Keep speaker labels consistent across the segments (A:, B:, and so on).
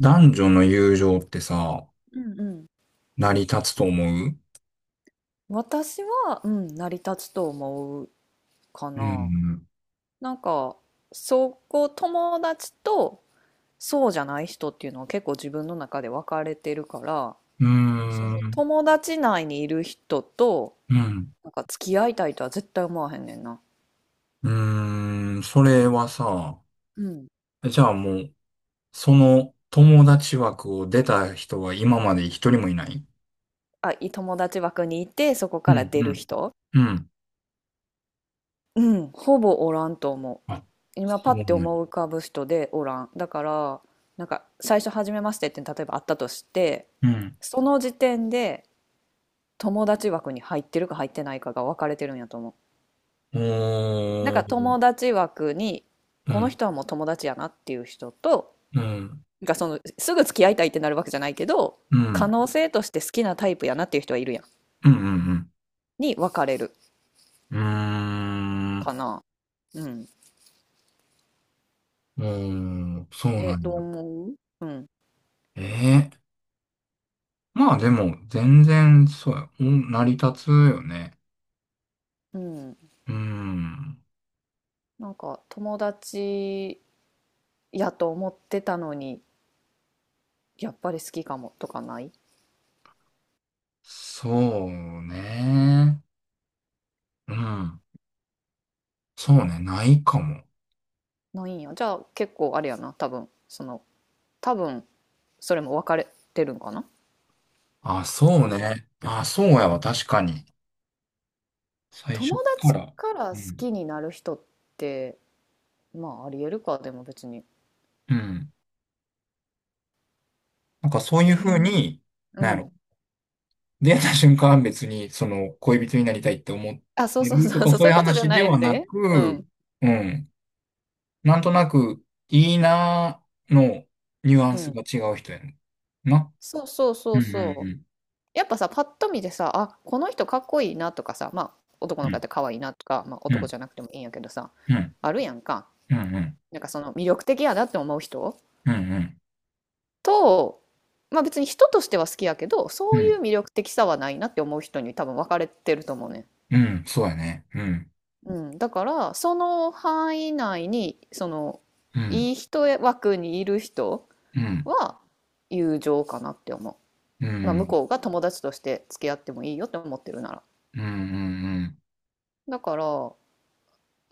A: 男女の友情ってさ、
B: うんうん。
A: 成り立つと思う。
B: 私は、うん、成り立つと思うか
A: う
B: な。
A: ん。
B: なんか、そこ友達とそうじゃない人っていうのは結構自分の中で分かれてるから、
A: うー
B: その
A: ん。
B: 友達内にいる人と、
A: うん。
B: なんか付き合いたいとは絶対思わへんねんな。
A: うーん。それはさ、
B: うん。
A: じゃあもう、その友達枠を出た人は今まで一人もいない？
B: あ、友達枠にいて、そこ
A: う
B: から
A: ん。
B: 出
A: う
B: る
A: ん。
B: 人。
A: うん。
B: うん、ほぼおらんと思う。
A: あ、
B: 今
A: そ
B: パ
A: う
B: ッ
A: なん
B: て
A: や。
B: 思い浮かぶ人でおらんだから、なんか最初「初めまして」って例えばあったとして、
A: うん。
B: その時点で友達枠に入ってるか入ってないかが分かれてるんやと思う。なん
A: お
B: か
A: ー。
B: 友達枠に、
A: う
B: この
A: ん。
B: 人はもう友達やなっていう人と、
A: うん。
B: なんかそのすぐ付き合いたいってなるわけじゃないけど、
A: う
B: 可
A: ん。
B: 能性として好きなタイプやなっていう人はいるやん、
A: うん。うん。
B: に分かれる
A: うん。うー
B: か
A: ん。
B: な。うん。
A: うーん、そうなん
B: どう
A: や。
B: 思う？うん。
A: ええ、まあでも、全然、そうや、お成り立つよね。
B: うん。
A: うん。
B: なんか友達やと思ってたのに、やっぱり好きかもとかない？
A: そうね。うん。そうね、ないかも。
B: ないんや。じゃあ結構あれやな。多分それも分かれてるんかな。
A: あ、そ
B: あ、
A: う
B: まあ、
A: ね。あ、そうやわ、確かに。最
B: 友
A: 初か
B: 達
A: ら。
B: から
A: う
B: 好
A: ん。
B: きになる人って、まあありえるか。でも別に。
A: うん。なんかそうい
B: え
A: うふう
B: ー
A: に、
B: う
A: なんや
B: ん。
A: ろ。出会った瞬間は別に、その、恋人になりたいって思っ
B: あ、そ
A: て
B: うそうそ
A: ると
B: う
A: か、
B: そう、
A: そう
B: そ
A: い
B: うい
A: う
B: うことじゃ
A: 話で
B: ない
A: はな
B: で。う
A: く、
B: ん。
A: うん。なんとなく、いいなーのニュア
B: う
A: ンス
B: ん。
A: が違う人やね。な。
B: そうそうそ
A: う
B: う
A: ん。う
B: そう。
A: ん。
B: やっぱさ、パッと見てさあ、この人かっこいいなとかさ、まあ、男の子やって可愛いなとか、まあ、
A: うん。う
B: 男
A: ん。
B: じゃなくてもいいんやけどさ、
A: うん。
B: あるやんか。
A: うん。
B: なんかその魅力的やなって思う人
A: うん。うん。うん。
B: と、まあ、別に人としては好きやけど、
A: う
B: そ
A: ん。う
B: うい
A: ん。
B: う魅力的さはないなって思う人に多分分かれてると思うね。
A: うん、そうやね。うん。
B: うん、だからその範囲内に、その
A: うん。
B: いい人枠にいる人
A: うん。
B: は友情かなって思う。
A: う
B: まあ、向
A: ん。
B: こうが友達として付き合ってもいいよって思ってるなら。
A: うん。うん。
B: だから、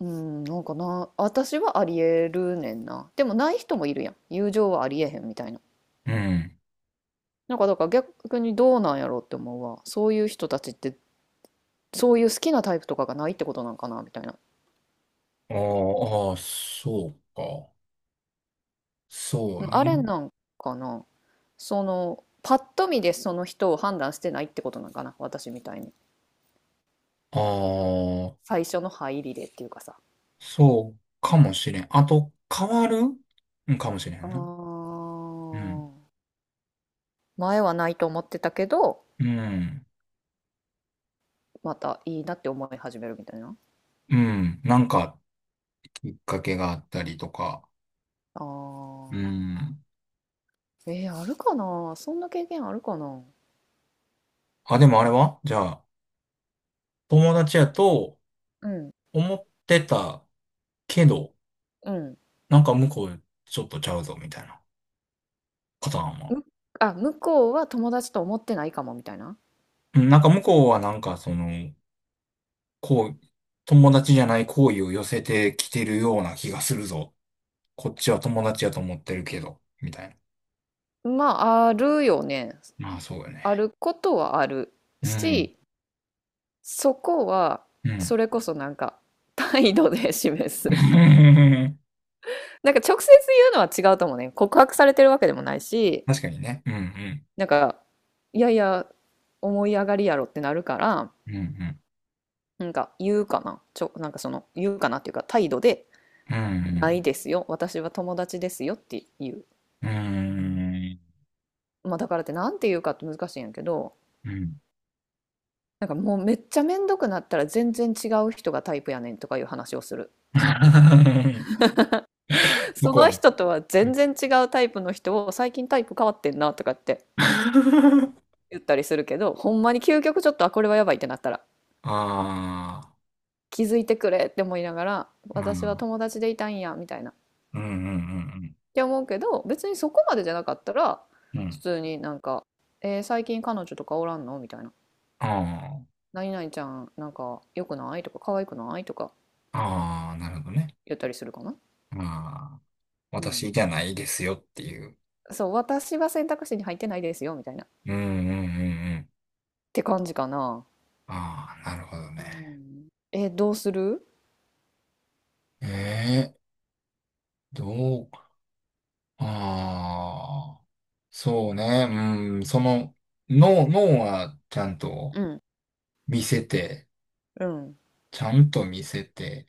B: うん、なんかな、私はありえるねんな。でもない人もいるやん。友情はありえへんみたいな。
A: うん。うん。
B: なんかだから逆にどうなんやろうって思うわ。そういう人たちって、そういう好きなタイプとかがないってことなんかな、みたいな。
A: ああ、そうか。そう
B: あれ
A: ね。
B: なんかな。そのパッと見でその人を判断してないってことなんかな、私みたいに。
A: ああ、
B: 最初の入りでっていうかさ。
A: そうかもしれん。あと、変わる、うん、かもしれ
B: あー、
A: んな。うん。
B: 前はないと思ってたけど、
A: うん。
B: またいいなって思い始めるみたいな。
A: うん。なんか、きっかけがあったりとか。
B: あ
A: う
B: ー。
A: ん。
B: あるかな、そんな経験あるかな。
A: あ、でもあれはじゃあ、友達やと
B: うん。
A: 思ってたけど、
B: うん。
A: なんか向こうちょっとちゃうぞみたいなパターンは。
B: むあ、向こうは友達と思ってないかもみたいな。
A: うん、なんか向こうはなんかその、こう、友達じゃない好意を寄せてきてるような気がするぞ。こっちは友達やと思ってるけど、みたい
B: まあ、あるよね。
A: な。まあそうよ
B: あ
A: ね。
B: ることはある
A: うん、
B: し、そこは、
A: うん。
B: それこそなんか、態度で示す。なんか直接言うのは違うと思うね。告白されてるわけでもないし、
A: 確かにね。うん、う
B: なんか、いやいや、思い上がりやろってなるから、
A: ん、うん、
B: なんか言うかな。なんかその、言うかなっていうか、態度で、
A: う
B: ない
A: ん、
B: ですよ。私は友達ですよっていう。
A: うん、うん、
B: まあ、だからってなんて言うかって難しいんやけど、
A: うん。
B: なんかもうめっちゃめんどくなったら、全然違う人がタイプやねんとかいう話をする。
A: うん、向
B: そ
A: こう
B: の
A: も。
B: 人とは
A: う
B: 全
A: ん。
B: 然違うタイプの人を、最近タイプ変わってんなとかって 言ったりするけど、ほんまに究極ちょっと、あ、これはやばいってなったら、
A: あ
B: 気づいてくれって思いながら
A: あ、う
B: 私は
A: ん、
B: 友達でいたんやみたいなっ
A: うん、うん、うん、
B: て思うけど、別にそこまでじゃなかったら
A: うん。う
B: 普
A: ん。
B: 通になんか、「えー、最近彼女とかおらんの？」みたいな
A: ああ。
B: 「何々ちゃんなんか良くない？」とか「可愛くない？」とか
A: ああ、なるほどね。
B: 言ったりするかな。
A: ああ、
B: うん、
A: 私じゃないですよっていう。
B: そう、私は選択肢に入ってないですよみたいなっ
A: うん、うん、うん、うん。
B: て感じかな。
A: ああ、なるほど
B: う
A: ね。
B: ん。どうする？
A: ええ、どう、ああ、そうね。うん、その、脳、脳はちゃんと
B: うん。
A: 見せて、
B: うん。
A: ちゃんと見せて、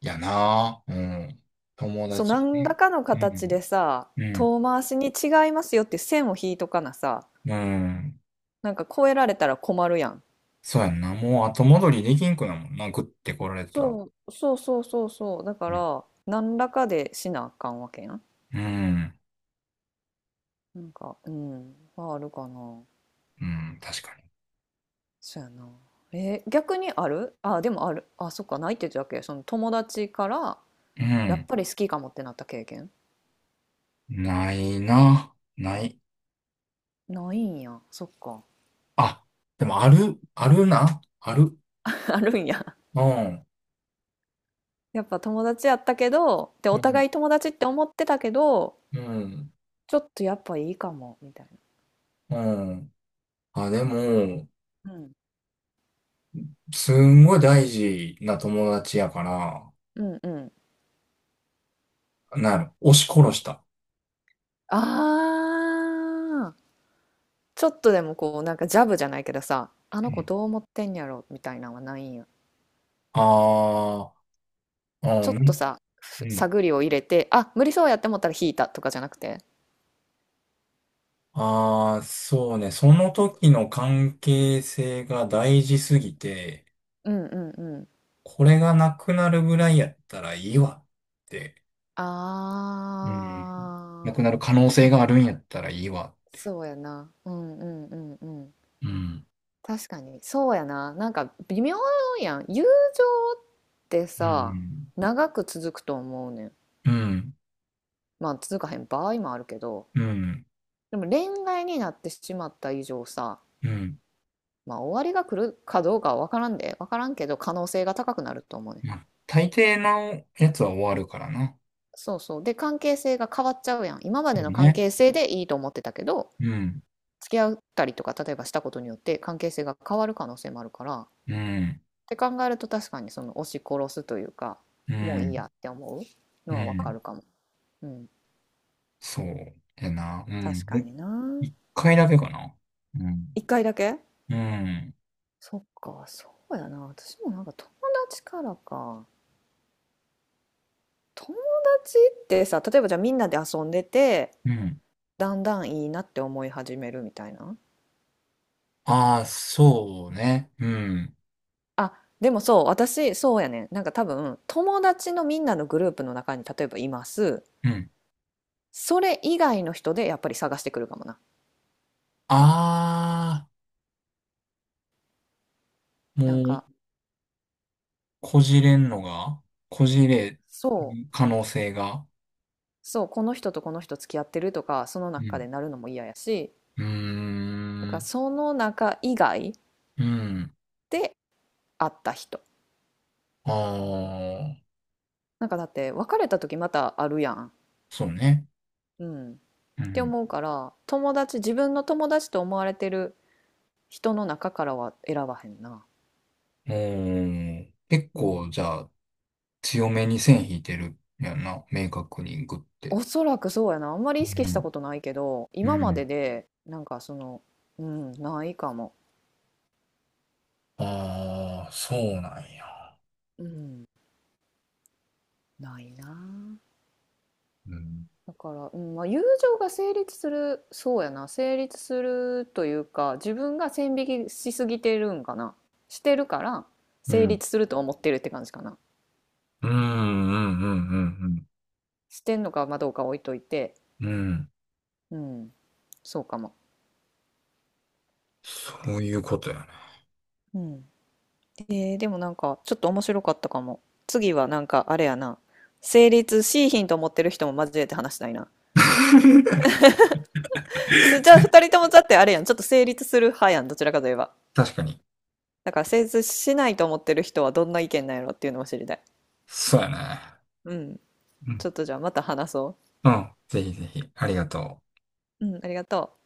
A: やな。うん。友
B: そう、
A: 達
B: 何ら
A: で。
B: かの
A: う
B: 形で
A: ん、
B: さ、
A: うん、
B: 遠回しに違いますよって線を引いとかなさ、
A: うん。
B: なんか超えられたら困るやん。
A: そうやんな。もう後戻りできんくなもんな。グッて来られたら。
B: そう、そうそうそうそう。だか
A: うん、
B: ら、何らかでしなあかんわけやん。
A: うん、
B: なんか、うん、まああるかな。
A: うん、確かに。
B: そうやな。逆にある、あ、でもある。あ、そっか、ないって言ってたっけ、その友達から、
A: う
B: やっ
A: ん。
B: ぱり好きかもってなった経験。
A: ないな。ない。
B: ないんや。そっか。
A: あ、でもある、あるな。ある。
B: あるんや。
A: うん。
B: やっぱ友達やったけど、で、
A: う
B: お
A: ん。
B: 互い友達って思ってたけど、
A: うん。
B: ちょっとやっぱいいかも、みたい。
A: うん。あ、でも、
B: うん。
A: すんごい大事な友達やから、
B: な。うんうん。
A: なる。押し殺した。
B: ああ、ちょっとでもこう、なんかジャブじゃないけどさ、あ
A: う
B: の子
A: ん。
B: どう思ってんやろ、みたいなのはないんや。
A: ああ、う
B: ちょっと
A: ん。
B: さ、
A: うん。
B: 探りを入れて、あ、無理そうやって思ったら引いたとかじゃなくて。
A: ああ、そうね。その時の関係性が大事すぎて、
B: うんうんうん。
A: これがなくなるぐらいやったらいいわって。うん。な
B: あ
A: く
B: あ、
A: なる可能
B: そ
A: 性
B: っ
A: があるん
B: か。
A: やったらいいわ。
B: そうやな。うんうんうんうん。
A: うん。
B: 確かに、そうやな。なんか微妙やん。友情って
A: う
B: さ、
A: ん。
B: 長く続くと思うねん。
A: うん。
B: まあ続かへん場合もあるけど、
A: うん。
B: でも恋愛になってしまった以上さ、
A: うん。
B: まあ終わりが来るかどうかは分からんで分からんけど、可能性が高くなると思うね。
A: まあ、大抵のやつは終わるからな。
B: そうそう。で、関係性が変わっちゃうやん。今まで
A: で
B: の
A: も
B: 関
A: ね。
B: 係性でいいと思ってたけど、
A: うん。
B: 付き合ったりとか例えばしたことによって関係性が変わる可能性もあるからっ
A: うん。
B: て考えると、確かにその押し殺すというか、
A: う
B: もういいや
A: ん。
B: って思う
A: う
B: のは分か
A: ん。
B: るかも。うん。
A: そうやな。う
B: 確
A: ん。
B: か
A: で、
B: にな。
A: 一回だけかな。うん。
B: 一回だけ。
A: うん。
B: そっか、そうやな。私もなんか、友達からか友達ってさ、例えばじゃあみんなで遊んでて、
A: うん。
B: だんだんいいなって思い始めるみたいな。
A: ああ、そうね。うん。
B: あ、でもそう、私、そうやねん。なんか多分、友達のみんなのグループの中に例えばいます。
A: うん。
B: それ以外の人でやっぱり探してくるかもな。
A: ああ、も
B: なん
A: う、
B: か、
A: こじれんのが、こじれ
B: そ
A: る可能性が。
B: う、そう、この人とこの人付き合ってるとか、その
A: う
B: 中で
A: ん。
B: なるのも嫌やし、
A: う
B: だ
A: ー
B: から
A: ん。
B: その中以外
A: うん。
B: で会った人。
A: ああ、
B: なんかだって、別れた時またあるやん。
A: そうね。
B: うん。っ
A: う
B: て
A: ん。
B: 思うから、友達、自分の友達と思われてる人の中からは選ばへんな。
A: おー、結
B: う
A: 構、
B: ん。
A: じゃあ、強めに線引いてるやんな。明確にグって。
B: おそらくそうやな。あんまり
A: う
B: 意識した
A: ん。
B: ことないけど、
A: う
B: 今まで
A: ん。
B: で、なんかその、うん、ないかも。
A: ああ、そうなんや。
B: うん、ないな。
A: うん。
B: だから、うん、まあ、友情が成立する、そうやな、成立するというか、自分が線引きしすぎてるんかな。してるから、
A: う
B: 成
A: ん。
B: 立すると思ってるって感じかな。
A: うん、うん、うん、
B: してんのかまあどうか置いといて、
A: うん。うん。うん、
B: うん、そうかも。
A: そういうことやね。
B: うん。でもなんかちょっと面白かったかも。次はなんかあれやな。成立しいひんと思ってる人も交えて話したいな。じゃあ二人ともだってあれやん。ちょっと成立する派やん。どちらかといえば。
A: 確かに。
B: だから成立しないと思ってる人はどんな意見なんやろっていうのも知りたい。
A: そうやね。
B: うん。
A: う
B: ち
A: ん。
B: ょっとじゃあまた話そ
A: うん。ぜひぜひ。ありがとう。
B: う。うん、ありがとう。